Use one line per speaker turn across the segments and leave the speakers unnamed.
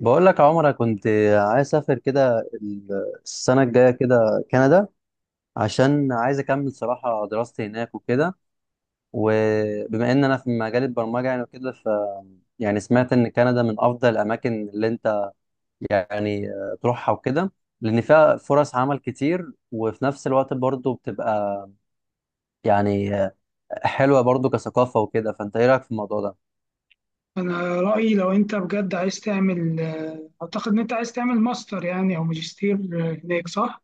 بقول لك يا عمر، أنا كنت عايز اسافر كده السنه الجايه كده كندا. عشان عايز اكمل صراحه دراستي هناك وكده. وبما ان انا في مجال البرمجه يعني وكده، ف يعني سمعت ان كندا من افضل الاماكن اللي انت يعني تروحها وكده. لان فيها فرص عمل كتير، وفي نفس الوقت برضه بتبقى يعني حلوه برضه كثقافه وكده. فانت ايه رايك في الموضوع ده؟
انا رايي لو انت بجد عايز تعمل اعتقد ان انت عايز تعمل ماستر يعني او ماجستير هناك صح.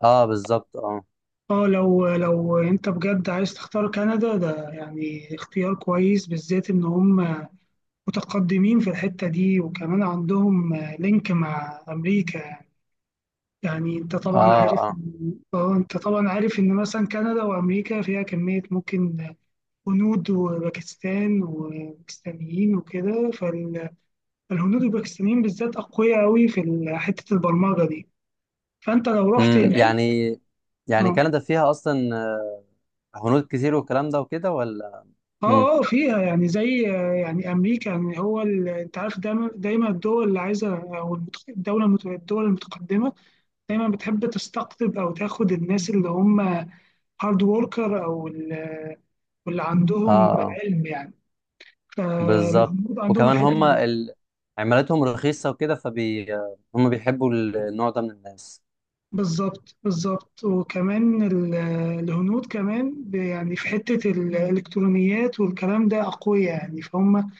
اه بالظبط اه.
لو انت بجد عايز تختار كندا ده يعني اختيار كويس، بالذات ان هم متقدمين في الحته دي، وكمان عندهم لينك مع امريكا يعني. يعني انت طبعا
اه
عارف
اه
انت طبعا عارف ان مثلا كندا وامريكا فيها كميه ممكن هنود وباكستان وباكستانيين وكده. الهنود والباكستانيين بالذات أقوياء أوي في حتة البرمجة دي، فأنت لو رحت هناك.
يعني. يعني
اه
كندا فيها اصلا هنود كتير والكلام ده وكده، ولا؟
اه،
امم.
اه فيها يعني زي يعني أمريكا يعني هو أنت عارف، دايما الدول اللي عايزة، أو الدول المتقدمة دايما بتحب تستقطب أو تاخد الناس اللي هم هارد وركر، أو واللي
اه
عندهم علم يعني.
بالظبط.
فالهنود عندهم
وكمان
الحتة.
هم عملتهم رخيصة وكده فبي. هم بيحبوا النوع ده من الناس.
بالظبط بالظبط. وكمان الهنود كمان يعني في حتة الإلكترونيات والكلام ده أقوياء يعني، فهم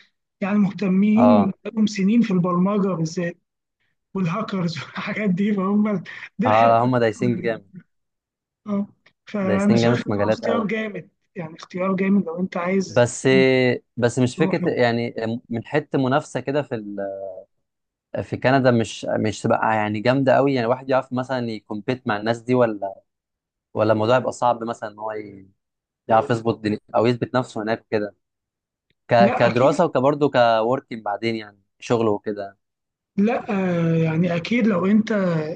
يعني مهتمين
اه
لهم سنين في البرمجة بالذات، والهاكرز والحاجات دي، فهم دي
اه،
الحتة.
هم دايسين جامد.
اه. فأنا
دايسين جامد
شايف
في
إن هو
مجالات
اختيار
قوي.
جامد. يعني اختيار جامد لو أنت عايز
بس بس مش
تروح.
فكرة يعني، من حتة منافسة كده في في كندا مش تبقى يعني جامدة قوي. يعني الواحد يعرف مثلا يكمبيت مع الناس دي، ولا ولا الموضوع يبقى صعب مثلا ان هو يعرف يظبط او يثبت نفسه هناك كده،
لا أكيد،
كدراسة وكبرضه كوركينج، بعدين يعني شغل وكده.
لا يعني أكيد لو أنت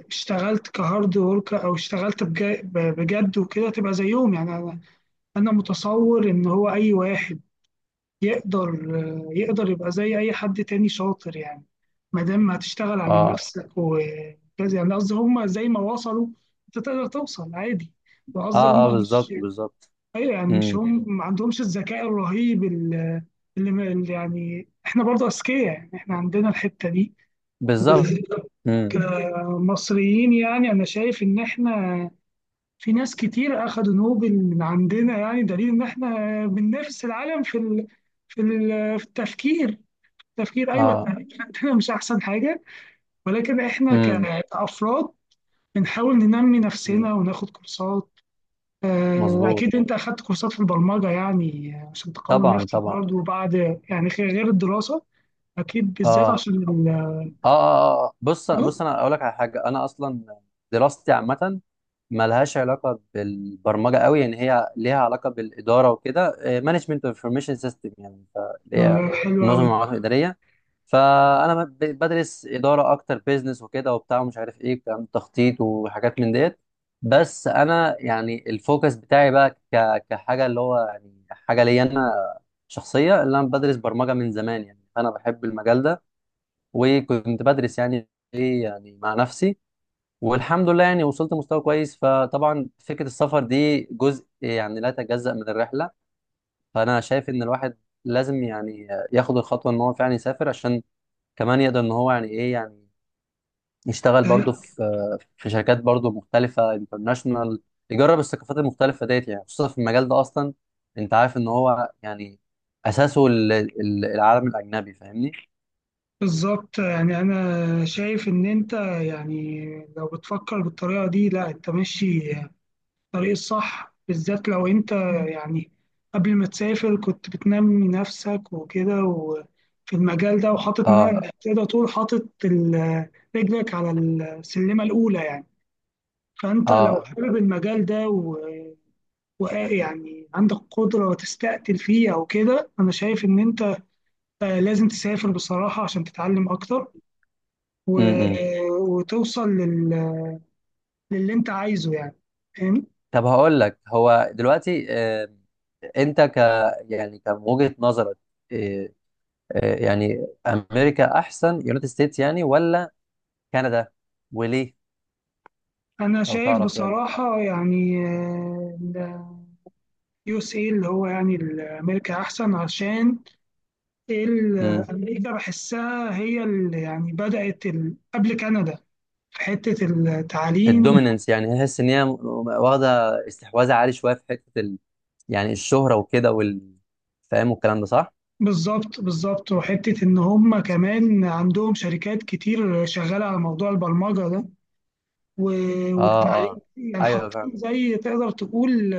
اشتغلت كهارد ورك، أو اشتغلت بجد وكده تبقى زيهم يعني. انا متصور ان هو اي واحد يقدر، يقدر يبقى زي اي حد تاني شاطر يعني. ما دام هتشتغل على
اه
نفسك وكذا يعني، قصدي هم زي ما وصلوا انت تقدر توصل عادي. وقصدي
اه اه
هم مش،
بالظبط بالظبط.
ايوه يعني مش
امم.
هم ما عندهمش الذكاء الرهيب اللي، اللي يعني احنا برضه اذكياء يعني، احنا عندنا الحتة دي
بالظبط.
وبالذات
امم.
كمصريين. يعني انا شايف ان احنا، في ناس كتير أخدوا نوبل من عندنا، يعني دليل إن إحنا بننافس العالم في ال... في ال... في التفكير. التفكير، أيوه
اه.
التفكير عندنا مش أحسن حاجة، ولكن إحنا
امم.
كأفراد بنحاول ننمي
أمم.
نفسنا وناخد كورسات.
مظبوط.
أكيد أنت أخدت كورسات في البرمجة يعني عشان تقوي
طبعا
نفسك
طبعا.
برضه بعد، يعني غير الدراسة، أكيد
اه
بالذات
اه
عشان ال...
اه آه. آه. بص بص انا اقول لك على حاجة. انا اصلا دراستي عامة، ملهاش علاقة بالبرمجة قوي. يعني هي ليها علاقة بالإدارة وكده، مانجمنت انفورميشن سيستم. يعني اللي هي
حلو
منظمة
أوي.
المعلومات الإدارية. فأنا بدرس إدارة أكتر، بيزنس وكده وبتاع، ومش عارف إيه كلام تخطيط وحاجات من ديت. بس أنا يعني الفوكس بتاعي بقى كحاجة اللي هو يعني حاجة ليا أنا شخصية، اللي أنا بدرس برمجة من زمان. يعني أنا بحب المجال ده، وكنت بدرس يعني إيه يعني مع نفسي. والحمد لله يعني وصلت مستوى كويس. فطبعا فكرة السفر دي جزء يعني لا يتجزأ من الرحلة. فأنا شايف إن الواحد لازم يعني ياخد الخطوة إن هو فعلا يسافر، عشان كمان يقدر إن هو يعني إيه يعني يشتغل برضه
طيب،
في شركات برضه مختلفة انترناشونال. يجرب الثقافات المختلفة ديت، يعني خصوصا في المجال ده أصلا. أنت عارف إن هو يعني أساسه العالم الأجنبي. فاهمني؟
بالظبط يعني انا شايف ان انت، يعني لو بتفكر بالطريقه دي، لا انت ماشي الطريق الصح. بالذات لو انت يعني قبل ما تسافر كنت بتنمي نفسك وكده وفي المجال ده، وحاطط
آه
تقدر تقول حاطط رجلك على السلمه الاولى يعني. فانت لو
آه
حابب المجال ده ويعني عندك قدره وتستقتل فيه او كده، انا شايف ان انت لازم تسافر بصراحه عشان تتعلم اكتر
م -م.
وتوصل لل... للي انت عايزه يعني، فاهم.
طب هقول لك، هو دلوقتي انت ك، يعني كان وجهة نظرك آه، يعني امريكا احسن، يونايتد ستيتس يعني، ولا كندا؟ وليه؟
انا
لو
شايف
تعرف يعني.
بصراحة يعني يو اس اي اللي هو يعني امريكا احسن، عشان ال-
امم.
امريكا بحسها هي اللي يعني بدأت ال... قبل كندا في حتة التعليم.
الدوميننس يعني، تحس ان هي واخده استحواذ عالي شويه في حته يعني الشهره وكده وال، فاهم؟ والكلام ده صح؟
بالظبط بالظبط. وحتة إن هم كمان عندهم شركات كتير شغالة على موضوع البرمجة ده،
اه اه
والتعليم يعني
ايوه
حاطين،
فاهم.
زي تقدر تقول،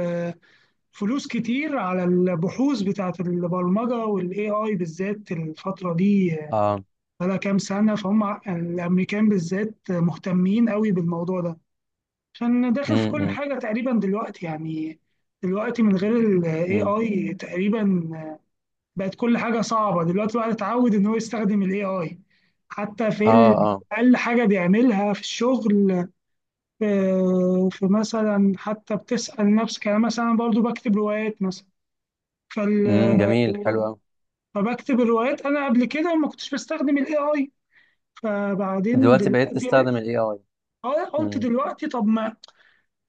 فلوس كتير على البحوث بتاعة البرمجة والاي اي بالذات الفترة دي،
اه
بقالها كام سنة. فهم الامريكان بالذات مهتمين قوي بالموضوع ده، عشان داخل في كل
امم
حاجة تقريبا دلوقتي يعني. دلوقتي من غير الاي
امم
اي تقريبا بقت كل حاجة صعبة، دلوقتي الواحد اتعود ان هو يستخدم الاي اي حتى في
اه اه
اقل حاجة بيعملها في الشغل. في مثلا، حتى بتسأل نفسك، انا مثلا برضو بكتب روايات مثلا، فال...
جميل حلو قوي.
فبكتب الروايات، انا قبل كده ما كنتش بستخدم الاي اي، فبعدين
دلوقتي بقيت
دلوقتي
تستخدم الاي اي؟
قلت
امم.
دلوقتي طب ما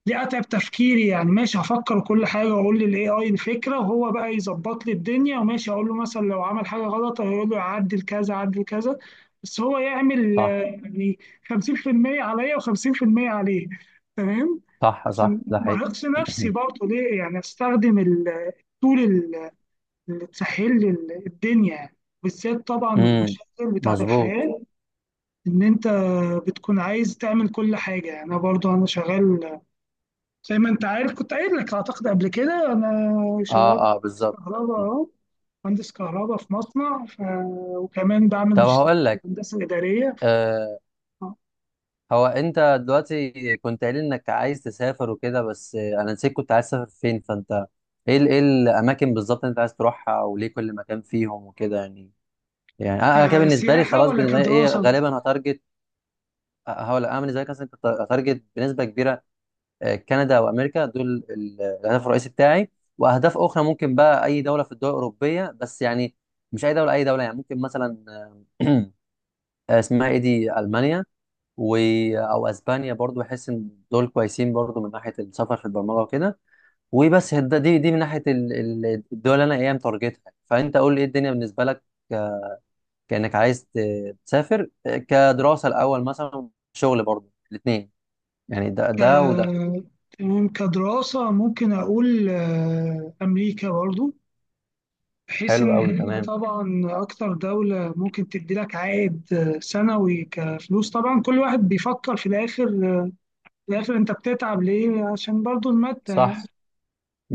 دي اتعب تفكيري يعني، ماشي هفكر وكل حاجه واقول للاي اي الفكره، وهو بقى يظبط لي الدنيا، وماشي اقول له مثلا لو عمل حاجه غلط هيقول له عدل كذا عدل كذا. بس هو يعمل
صح
يعني 50% عليا و50% عليه. تمام،
صح. صح
عشان
ده
ما
حقيقي.
ارهقش نفسي برضه، ليه يعني؟ استخدم التول اللي تسهل لي الدنيا يعني، بالذات طبعا
امم.
المشاغل بتاعت
مظبوط.
الحياة. إن أنت بتكون عايز تعمل كل حاجة يعني. أنا برضو أنا شغال، زي ما أنت عارف كنت قايل لك أعتقد قبل كده، أنا شغال
اه اه
مهندس
بالظبط.
كهرباء أهو، مهندس كهرباء في مصنع ف... وكمان بعمل
طب
ماجستير
هقول
في
لك،
الهندسة الإدارية.
آه، هو انت دلوقتي كنت قايل انك عايز تسافر وكده، بس انا نسيت. كنت عايز تسافر فين؟ فانت ايه ايه الاماكن بالظبط انت عايز تروحها، وليه كل مكان فيهم وكده يعني؟ يعني أنا كده بالنسبه لي
كسياحة
خلاص.
ولا
بالنسبه لي ايه،
كدراسة؟
غالبا هتارجت. هقول لك، انا بالنسبه لي مثلا هتارجت بنسبه كبيره كندا وامريكا، دول الهدف الرئيسي بتاعي. واهداف اخرى ممكن بقى اي دوله في الدول الاوروبيه. بس يعني مش اي دوله اي دوله يعني، ممكن مثلا آه، اسمها ايه دي، المانيا، و... او اسبانيا برضو. بحس ان دول كويسين برضو من ناحيه السفر في البرمجه وكده. وبس دي من ناحيه الدول اللي انا ايه متارجتها. فانت قول لي ايه الدنيا بالنسبه لك، ك- كانك عايز تسافر كدراسه الاول مثلا، شغل برضو، الاثنين يعني. ده
ك...
ده وده.
تمام، كدراسة ممكن أقول أمريكا برضو، بحيث
حلو
إن
قوي
هي
تمام.
طبعا أكتر دولة ممكن تدي لك عائد سنوي كفلوس. طبعا كل واحد بيفكر في الآخر، في الآخر أنت بتتعب ليه؟ عشان برضو المادة.
صح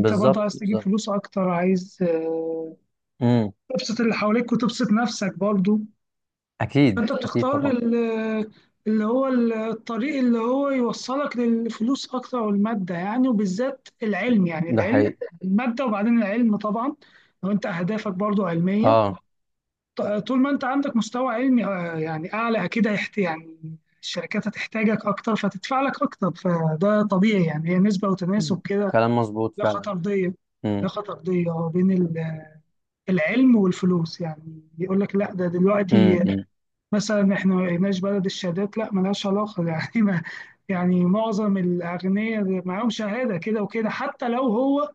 أنت برضو عايز تجيب
بالظبط.
فلوس أكتر، عايز
امم.
تبسط اللي حواليك وتبسط نفسك برضو.
اكيد
فأنت
اكيد
بتختار
طبعا.
اللي هو الطريق اللي هو يوصلك للفلوس أكتر والمادة يعني، وبالذات العلم يعني.
ده
العلم،
حقيقي.
المادة وبعدين العلم طبعا. لو أنت أهدافك برضو علمية،
اه
طول ما انت عندك مستوى علمي يعني اعلى، اكيد هيحت يعني الشركات هتحتاجك اكتر فتدفع لك اكتر، فده طبيعي يعني، هي نسبة وتناسب
مم.
كده.
كلام مظبوط
لا
فعلا.
خطردية، لا
امم
خطردية بين العلم والفلوس، يعني يقول لك لا ده دلوقتي
أمم.
مثلا احنا ما بقيناش بلد الشهادات، لا ملهاش علاقة يعني، ما يعني معظم الاغنياء معاهم شهادة كده وكده، حتى لو هو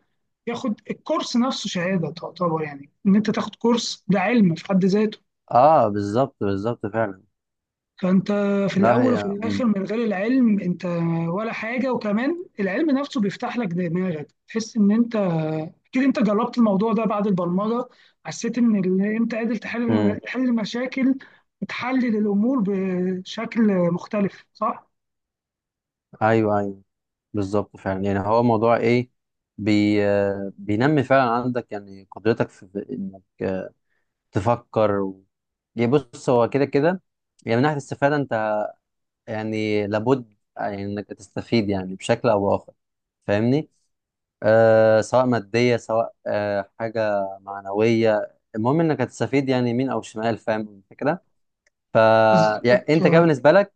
ياخد الكورس نفسه شهادة، تعتبر يعني ان انت تاخد كورس ده علم في حد ذاته.
اه بالظبط بالظبط فعلا.
فانت في
لا
الاول
هي
وفي
امم.
الاخر من غير العلم انت ولا حاجه. وكمان العلم نفسه بيفتح لك دماغك، تحس ان انت، اكيد انت جربت الموضوع ده بعد البرمجه، حسيت ان انت قادر تحل،
امم.
تحل مشاكل وتحلل الامور بشكل مختلف، صح؟
ايوه ايوه. بالظبط فعلا. يعني هو موضوع ايه، بي آه، بينمي فعلا عندك يعني قدرتك في انك تفكر و... يعني بص، هو كده كده. يعني من ناحيه الاستفاده، انت يعني لابد يعني انك تستفيد يعني بشكل او باخر. فاهمني؟ آه، سواء مادية، سواء آه حاجة معنوية، المهم انك هتستفيد يعني يمين او شمال. فاهم الفكرة؟ ف يعني
بالظبط.
انت كده بالنسبة لك،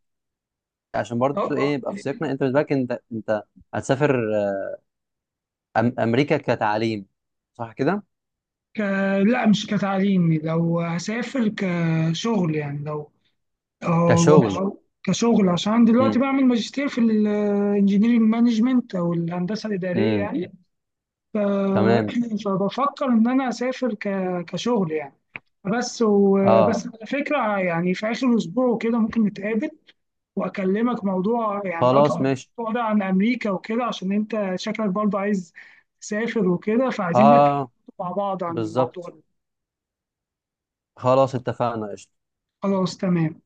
عشان برضو ايه
آه.
يبقى في سياقنا. انت بالنسبة لك انت هتسافر أم امريكا كتعليم، صح كده؟
ك... لا مش كتعليم، لو هسافر كشغل يعني، لو اه وانا
كشغل.
صغير، كشغل عشان أنا دلوقتي
امم
بعمل ماجستير في الانجينيرنج مانجمنت او الهندسه الاداريه
امم
يعني، ف...
تمام.
فبفكر ان انا اسافر ك... كشغل يعني بس.
اه.
وبس على فكره، يعني في اخر اسبوع وكده ممكن نتقابل واكلمك موضوع يعني اكتر،
خلاص ماشي.
موضوع ده عن امريكا وكده، عشان انت شكلك برضه عايز تسافر وكده، فعايزين نبحث
اه
مع بعض عن الموضوع
بالظبط.
ده.
خلاص اتفقنا.
خلاص تمام.